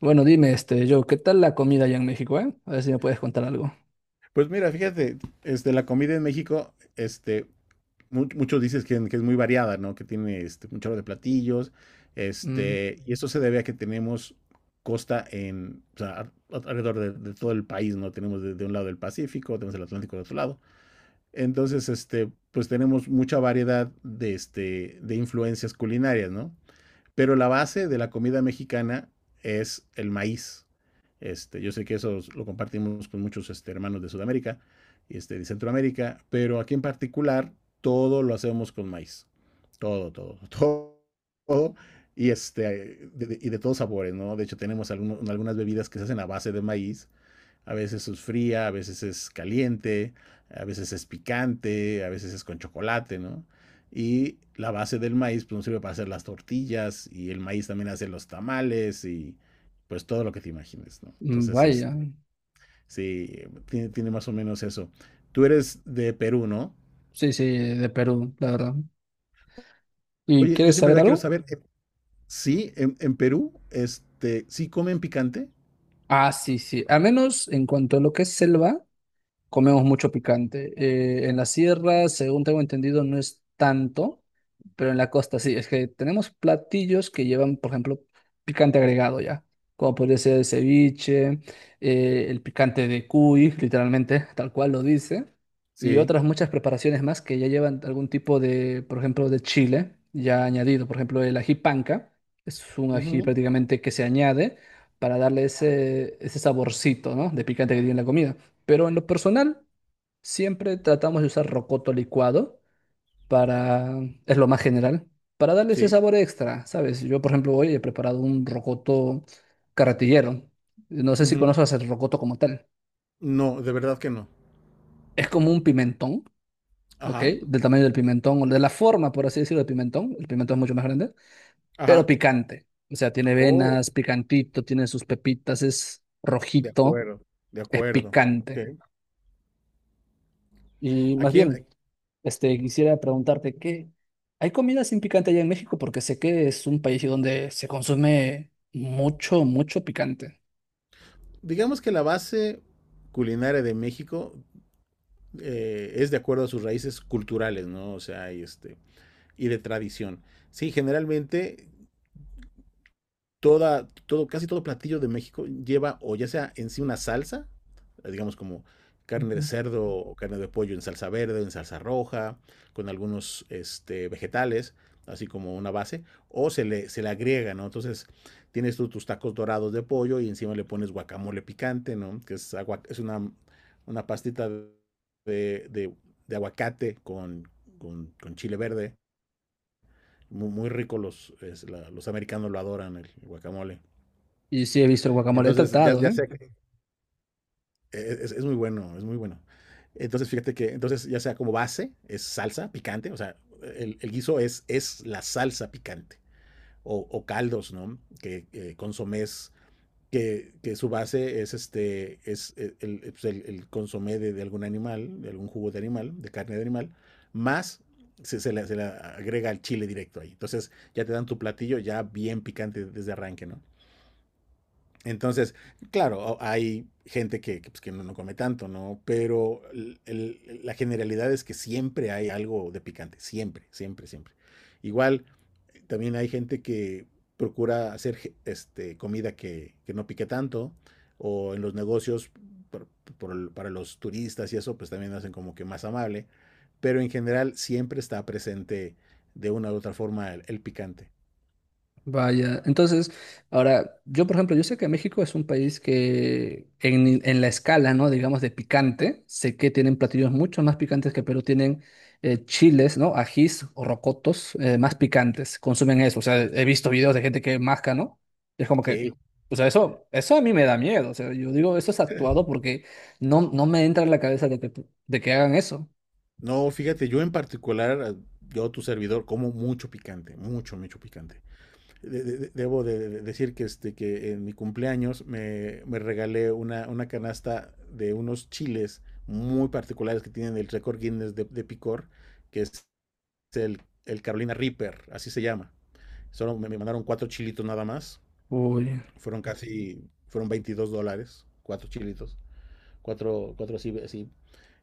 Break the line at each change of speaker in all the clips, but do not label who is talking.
Bueno, dime, Joe, ¿qué tal la comida allá en México, A ver si me puedes contar algo.
Pues mira, fíjate, la comida en México, muchos dices que es muy variada, ¿no? Que tiene un chorro de platillos,
Mm,
y esto se debe a que tenemos costa en, o sea, alrededor de todo el país, ¿no? Tenemos de un lado el Pacífico, tenemos el Atlántico del otro lado. Entonces, pues tenemos mucha variedad de influencias culinarias, ¿no? Pero la base de la comida mexicana es el maíz. Yo sé que eso lo compartimos con muchos hermanos de Sudamérica y de Centroamérica, pero aquí en particular todo lo hacemos con maíz. Todo, todo, todo, todo. Y, y de todos sabores, ¿no? De hecho, tenemos algunas bebidas que se hacen a base de maíz. A veces es fría, a veces es caliente, a veces es picante, a veces es con chocolate, ¿no? Y la base del maíz pues nos sirve para hacer las tortillas, y el maíz también hace los tamales y pues todo lo que te imagines, ¿no? Entonces,
vaya.
sí, tiene más o menos eso. Tú eres de Perú, ¿no?
Sí, sí, de Perú, la verdad. ¿Y
Oye, yo
quieres
siempre
saber
quiero
algo?
saber, sí, en Perú, ¿sí comen picante?
Ah, sí, sí. A menos en cuanto a lo que es selva. Comemos mucho picante. En la sierra, según tengo entendido, no es tanto, pero en la costa sí. Es que tenemos platillos que llevan, por ejemplo, picante agregado ya, como podría ser el ceviche, el picante de cuy, literalmente, tal cual lo dice, y
Sí.
otras muchas preparaciones más que ya llevan algún tipo por ejemplo, de chile ya añadido. Por ejemplo, el ají panca es un ají
Ujú.
prácticamente que se añade para darle ese, ese saborcito, ¿no? De picante que tiene la comida. Pero en lo personal, siempre tratamos de usar rocoto licuado para, es lo más general, para darle ese
Sí.
sabor extra, ¿sabes? Yo, por ejemplo, hoy he preparado un rocoto carretillero. No sé si
Ujú.
conoces el rocoto como tal.
No, de verdad que no.
Es como un pimentón, ¿ok?
Ajá,
Del tamaño del pimentón, o de la forma, por así decirlo, del pimentón. El pimentón es mucho más grande, pero
ajá.
picante. O sea, tiene
Oh.
venas, picantito, tiene sus pepitas, es
De
rojito,
acuerdo, de
es
acuerdo. Ok.
picante. Y más
Aquí, en-
bien, quisiera preguntarte que ¿hay comida sin picante allá en México? Porque sé que es un país donde se consume mucho, mucho picante.
digamos que la base culinaria de México, es de acuerdo a sus raíces culturales, ¿no? O sea, y de tradición. Sí, generalmente todo, casi todo platillo de México lleva o ya sea en sí una salsa, digamos como carne de
Ujú.
cerdo o carne de pollo en salsa verde, en salsa roja, con algunos vegetales, así como una base, o se le agrega, ¿no? Entonces tienes tú tus tacos dorados de pollo y encima le pones guacamole picante, ¿no? Que es, es una pastita de, de aguacate con chile verde. Muy, muy rico. Los americanos lo adoran, el guacamole.
Y sí he visto el guacamole
Entonces, ya,
tratado,
ya
¿eh?
sea que es muy bueno, es muy bueno. Entonces, fíjate que, entonces, ya sea como base, es salsa picante, o sea, el guiso es la salsa picante, o caldos, ¿no? Que consomés, su base es este, es el, pues, el consomé algún animal, de algún jugo de animal, de carne de animal, más se le agrega el chile directo ahí. Entonces, ya te dan tu platillo ya bien picante desde arranque, ¿no? Entonces, claro, hay gente pues que no come tanto, ¿no? Pero la generalidad es que siempre hay algo de picante, siempre, siempre, siempre. Igual, también hay gente que procura hacer comida que no pique tanto, o en los negocios, por- para los turistas y eso, pues también hacen como que más amable, pero en general siempre está presente de una u otra forma el picante.
Vaya, entonces, ahora, yo por ejemplo, yo sé que México es un país que en la escala, ¿no? Digamos de picante, sé que tienen platillos mucho más picantes que Perú, tienen chiles, ¿no? Ajís o rocotos, más picantes, consumen eso, o sea, he visto videos de gente que masca, ¿no? Y es como que,
Sí.
o sea, eso a mí me da miedo, o sea, yo digo, eso es actuado porque no, no me entra en la cabeza de que hagan eso.
No, fíjate, yo en particular, yo tu servidor como mucho picante, mucho, mucho picante. Debo de decir que, en mi cumpleaños me regalé una canasta de unos chiles muy particulares que tienen el récord Guinness de picor, que es el Carolina Reaper, así se llama. Solo me mandaron cuatro chilitos nada más.
Uy.
Fueron casi, fueron $22, cuatro chilitos. Cuatro, cuatro así, así.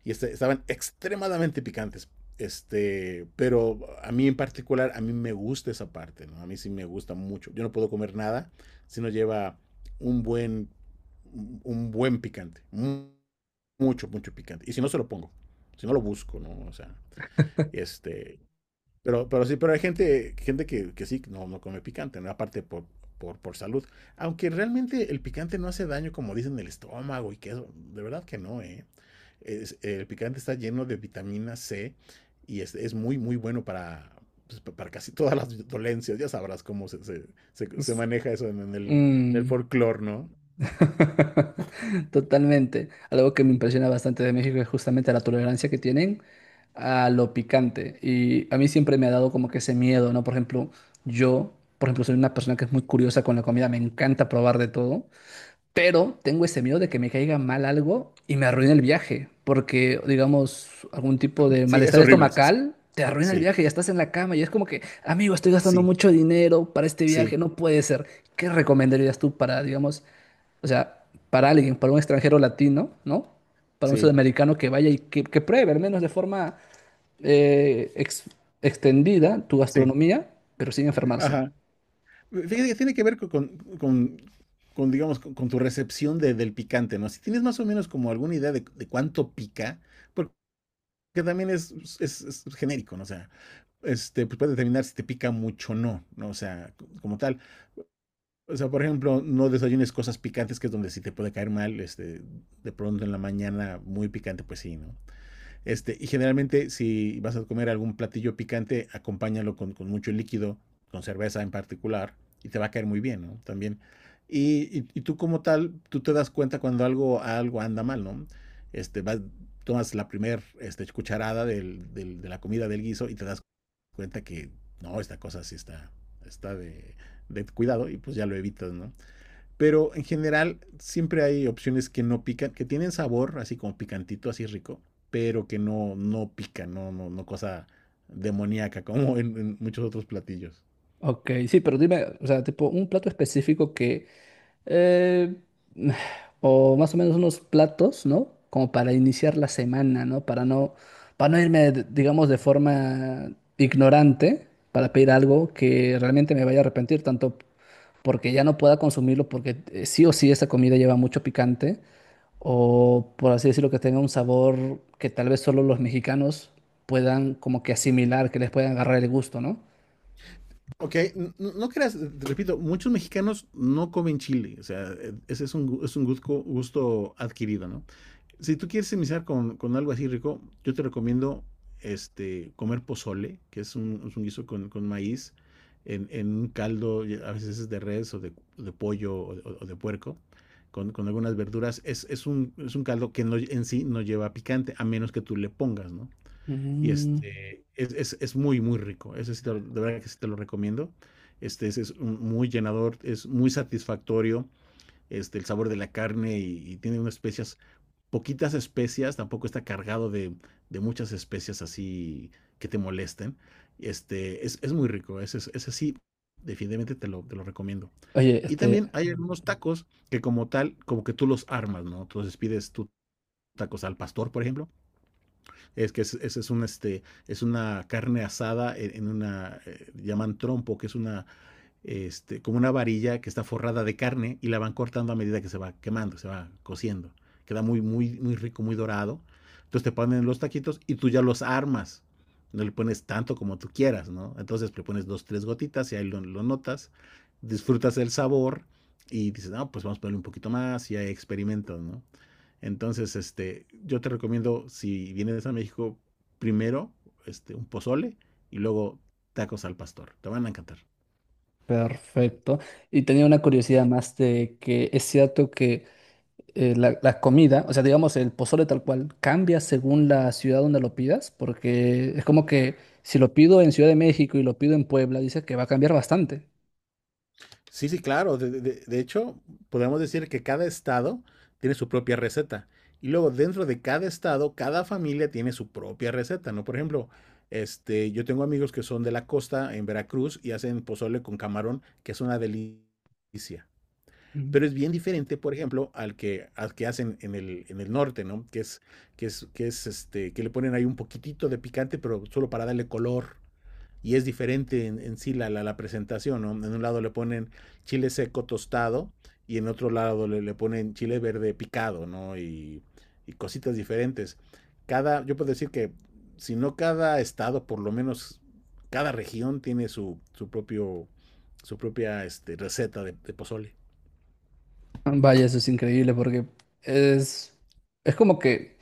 Y estaban extremadamente picantes. Pero a mí en particular, a mí me gusta esa parte, ¿no? A mí sí me gusta mucho. Yo no puedo comer nada si no lleva un buen, un buen picante. Mucho, mucho picante. Y si no se lo pongo, si no lo busco, ¿no? O sea, este, pero sí, pero hay gente que sí, no come picante, ¿no? Aparte por salud. Aunque realmente el picante no hace daño, como dicen, el estómago y que eso, de verdad que no, ¿eh? El picante está lleno de vitamina C y es muy, muy bueno para, pues, para casi todas las dolencias. Ya sabrás cómo se
es-
maneja eso en el
mm.
folclore, ¿no?
Totalmente. Algo que me impresiona bastante de México es justamente la tolerancia que tienen a lo picante. Y a mí siempre me ha dado como que ese miedo, ¿no? Por ejemplo, yo, por ejemplo, soy una persona que es muy curiosa con la comida, me encanta probar de todo, pero tengo ese miedo de que me caiga mal algo y me arruine el viaje, porque, digamos, algún tipo de
Sí, es
malestar
horrible. Sí,
estomacal. Te arruina el
sí,
viaje, ya estás en la cama y es como que, amigo, estoy gastando mucho dinero para este
sí,
viaje, no puede ser. ¿Qué recomendarías tú para, digamos, o sea, para alguien, para un extranjero latino, ¿no? Para un
sí,
sudamericano que vaya y que pruebe, al menos de forma eh, ex- extendida, tu
sí, sí, sí.
gastronomía, pero sin enfermarse.
Ajá. Fíjate que tiene que ver con, digamos, con tu recepción del picante, ¿no? Si tienes más o menos como alguna idea de cuánto pica, porque también es genérico, ¿no? O sea, pues puede determinar si te pica mucho o no, ¿no? O sea, como tal. O sea, por ejemplo, no desayunes cosas picantes, que es donde sí te puede caer mal, de pronto en la mañana muy picante, pues sí, ¿no? Y generalmente, si vas a comer algún platillo picante, acompáñalo con mucho líquido, con cerveza en particular, y te va a caer muy bien, ¿no? También. Y tú como tal, tú te das cuenta cuando algo anda mal, ¿no? Vas, tomas la primer cucharada de la comida del guiso y te das cuenta que no, esta cosa sí está de cuidado, y pues ya lo evitas, ¿no? Pero en general siempre hay opciones que no pican, que tienen sabor, así como picantito, así rico, pero que no pican, no cosa demoníaca como en muchos otros platillos.
Ok, sí, pero dime, o sea, tipo un plato específico que, eh, o más o menos unos platos, ¿no? Como para iniciar la semana, ¿no? Para no, para no irme, digamos, de forma ignorante, para pedir algo que realmente me vaya a arrepentir, tanto porque ya no pueda consumirlo, porque sí o sí esa comida lleva mucho picante, o por así decirlo, que tenga un sabor que tal vez solo los mexicanos puedan como que asimilar, que les puedan agarrar el gusto, ¿no?
Ok, no creas, te repito, muchos mexicanos no comen chile, o sea, ese es un gusto, gusto adquirido, ¿no? Si tú quieres iniciar con algo así rico, yo te recomiendo, comer pozole, que es un guiso con maíz, en un caldo, y a veces es de res o de pollo o o de puerco, con algunas verduras. Es un caldo que en sí no lleva picante, a menos que tú le pongas, ¿no? Y
Mm.
es muy, muy rico. Ese sí de verdad que sí te lo recomiendo. Este es muy llenador, es muy satisfactorio. El sabor de la carne, y tiene unas especias, poquitas especias, tampoco está cargado de muchas especias así que te molesten. Es muy rico, ese, ese sí, definitivamente te lo recomiendo.
Oye,
Y también hay algunos tacos que como tal, como que tú los armas, ¿no? Entonces pides tú tacos al pastor, por ejemplo, es que ese es una carne asada en una, llaman trompo, que es una, como una varilla que está forrada de carne y la van cortando a medida que se va quemando, se va cociendo. Queda muy, muy, muy rico, muy dorado. Entonces te ponen los taquitos y tú ya los armas. No le pones tanto como tú quieras, ¿no? Entonces le pones dos, tres gotitas y ahí lo notas. Disfrutas el sabor y dices, no, pues vamos a ponerle un poquito más y ahí experimento, ¿no? Entonces, yo te recomiendo, si vienes a México, primero, un pozole y luego tacos al pastor. Te van a encantar.
perfecto. Y tenía una curiosidad más de que es cierto que la comida, o sea, digamos, el pozole tal cual, cambia según la ciudad donde lo pidas, porque es como que si lo pido en Ciudad de México y lo pido en Puebla, dice que va a cambiar bastante.
Sí, sí, claro. De hecho, podemos decir que cada estado tiene su propia receta. Y luego dentro de cada estado, cada familia tiene su propia receta, ¿no? Por ejemplo, yo tengo amigos que son de la costa en Veracruz y hacen pozole con camarón, que es una delicia.
Mm.
Pero es bien diferente, por ejemplo, al que hacen en el norte, ¿no? Que que le ponen ahí un poquitito de picante, pero solo para darle color. Y es diferente en sí la presentación, ¿no? En un lado le ponen chile seco tostado y en otro lado le ponen chile verde picado, ¿no? Y cositas diferentes. Yo puedo decir que, si no cada estado, por lo menos cada región tiene su propia receta de pozole.
Vaya, eso es increíble porque es, es como que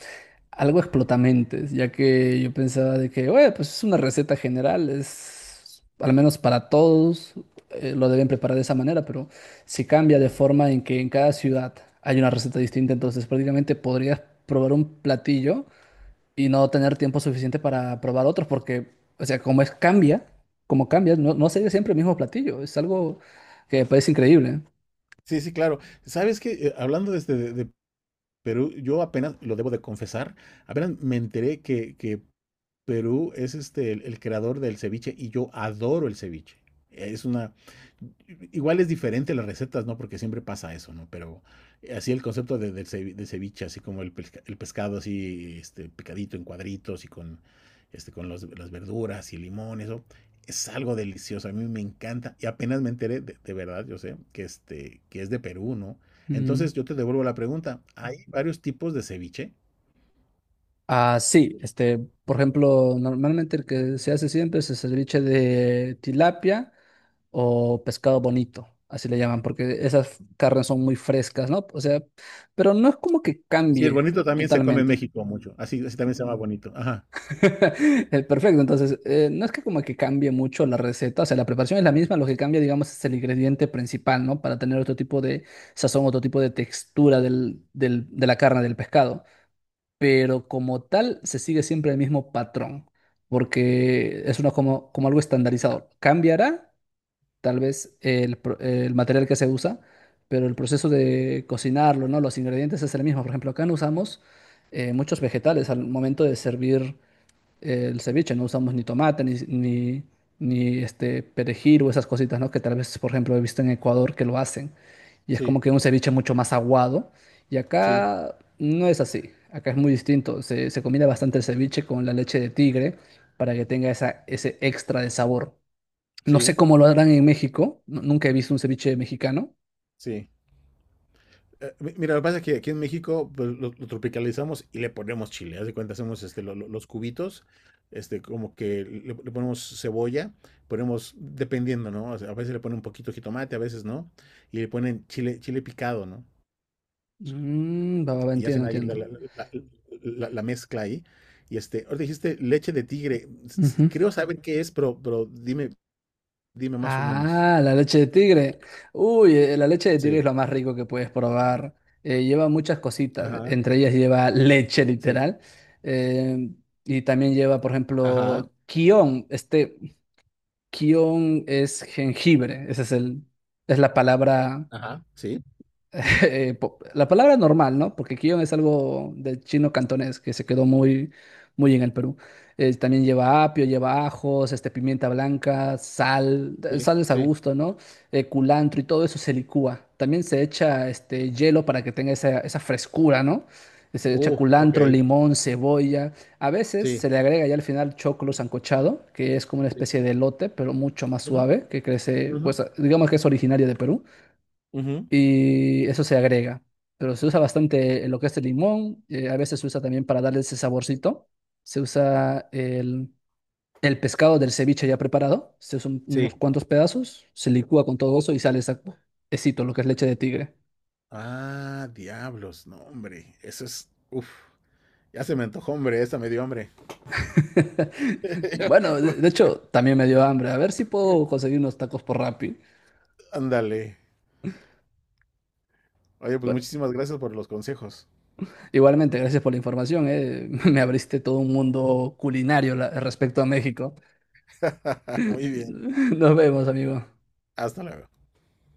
algo explotamentes, ya que yo pensaba de que, oye, pues es una receta general, es al menos para todos, lo deben preparar de esa manera, pero si cambia de forma en que en cada ciudad hay una receta distinta, entonces prácticamente podrías probar un platillo y no tener tiempo suficiente para probar otros, porque, o sea, como es cambia, como cambia, no, no sería siempre el mismo platillo, es algo que me parece increíble, ¿eh?
Sí, sí, claro. ¿Sabes que hablando desde de Perú? Yo apenas, lo debo de confesar, apenas me enteré que Perú es el creador del ceviche, y yo adoro el ceviche. Es una, Igual es diferente las recetas, ¿no? Porque siempre pasa eso, ¿no? Pero así el concepto de, del cevi- de ceviche, así como el pescado así, picadito en cuadritos y con las verduras y limón, eso es algo delicioso, a mí me encanta. Y apenas me enteré, de verdad, yo sé, que es de Perú, ¿no?
Mm.
Entonces yo te devuelvo la pregunta, ¿hay varios tipos de ceviche?
Ah, sí, por ejemplo, normalmente el que se hace siempre es el ceviche de tilapia o pescado bonito, así le llaman, porque esas carnes son muy frescas, ¿no? O sea, pero no es como que
Sí, el
cambie
bonito también se come en
totalmente.
México mucho. Así también se llama bonito. Ajá.
Perfecto, entonces, no es que como que cambie mucho la receta, o sea, la preparación es la misma, lo que cambia, digamos, es el ingrediente principal, ¿no? Para tener otro tipo de sazón, otro tipo de textura de la carne, del pescado. Pero como tal se sigue siempre el mismo patrón, porque es uno como, como algo estandarizado. Cambiará tal vez el material que se usa, pero el proceso de cocinarlo, ¿no? Los ingredientes es el mismo. Por ejemplo, acá no usamos muchos vegetales al momento de servir el ceviche, no usamos ni tomate, ni, ni, ni, este perejil o esas cositas, ¿no? Que tal vez, por ejemplo, he visto en Ecuador que lo hacen. Y es
Sí,
como que un ceviche mucho más aguado. Y
sí,
acá no es así. Acá es muy distinto. Se combina bastante el ceviche con la leche de tigre para que tenga esa, ese extra de sabor. No sé
sí,
cómo lo harán en México. Nunca he visto un ceviche mexicano.
sí. Mira, lo que pasa es que aquí en México pues lo tropicalizamos y le ponemos chile. Haz de cuenta, hacemos, los cubitos, como que le ponemos cebolla, ponemos, dependiendo, ¿no? O sea, a veces le ponen un poquito de jitomate, a veces no, y le ponen chile, picado, ¿no?
Mm, va, va, va,
Y
entiendo,
hacen ahí
entiendo.
la- la mezcla ahí. Y ahora dijiste leche de tigre. Creo saber qué es, pero dime más o menos.
Ah, la leche de tigre. Uy, la leche de tigre es
Sí.
lo más rico que puedes probar. Lleva muchas cositas,
Ajá.
entre ellas lleva leche
Sí.
literal. eh, y también lleva, por
Ajá.
ejemplo, kion. Kion es jengibre, esa es el, es la palabra
Ajá. Sí. Ujú.
la palabra normal, ¿no? Porque kion es algo del chino cantonés que se quedó muy, muy en el Perú. También lleva apio, lleva ajos, pimienta blanca, sal,
Sí.
sal es a
Sí.
gusto, ¿no? Culantro y todo eso se licúa. También se echa hielo para que tenga esa, esa frescura, ¿no? Se echa
Uf, ok.
culantro, limón, cebolla. A veces
Sí.
se le agrega ya al final choclo sancochado, que es como una
Sí.
especie de elote, pero mucho más
Ujú,
suave, que crece,
ujú,
pues digamos que es originario de Perú
ujú.
y eso se agrega. Pero se usa bastante lo que es el limón, a veces se usa también para darle ese saborcito. Se usa el pescado del ceviche ya preparado, se usan unos
Sí.
cuantos pedazos, se licúa con todo eso y sale esa, esito, lo que es leche de tigre.
Ah, diablos, no, hombre. Eso es. Uf. Ya se me antojó, hombre. Esa me dio hambre.
Bueno, de hecho, también me dio hambre. A ver si puedo conseguir unos tacos por Rappi.
Ándale. Oye, pues
Bueno,
muchísimas gracias por los consejos.
igualmente, gracias por la información, eh. Me abriste todo un mundo culinario respecto a México.
Muy bien.
Nos vemos, amigo.
Hasta luego.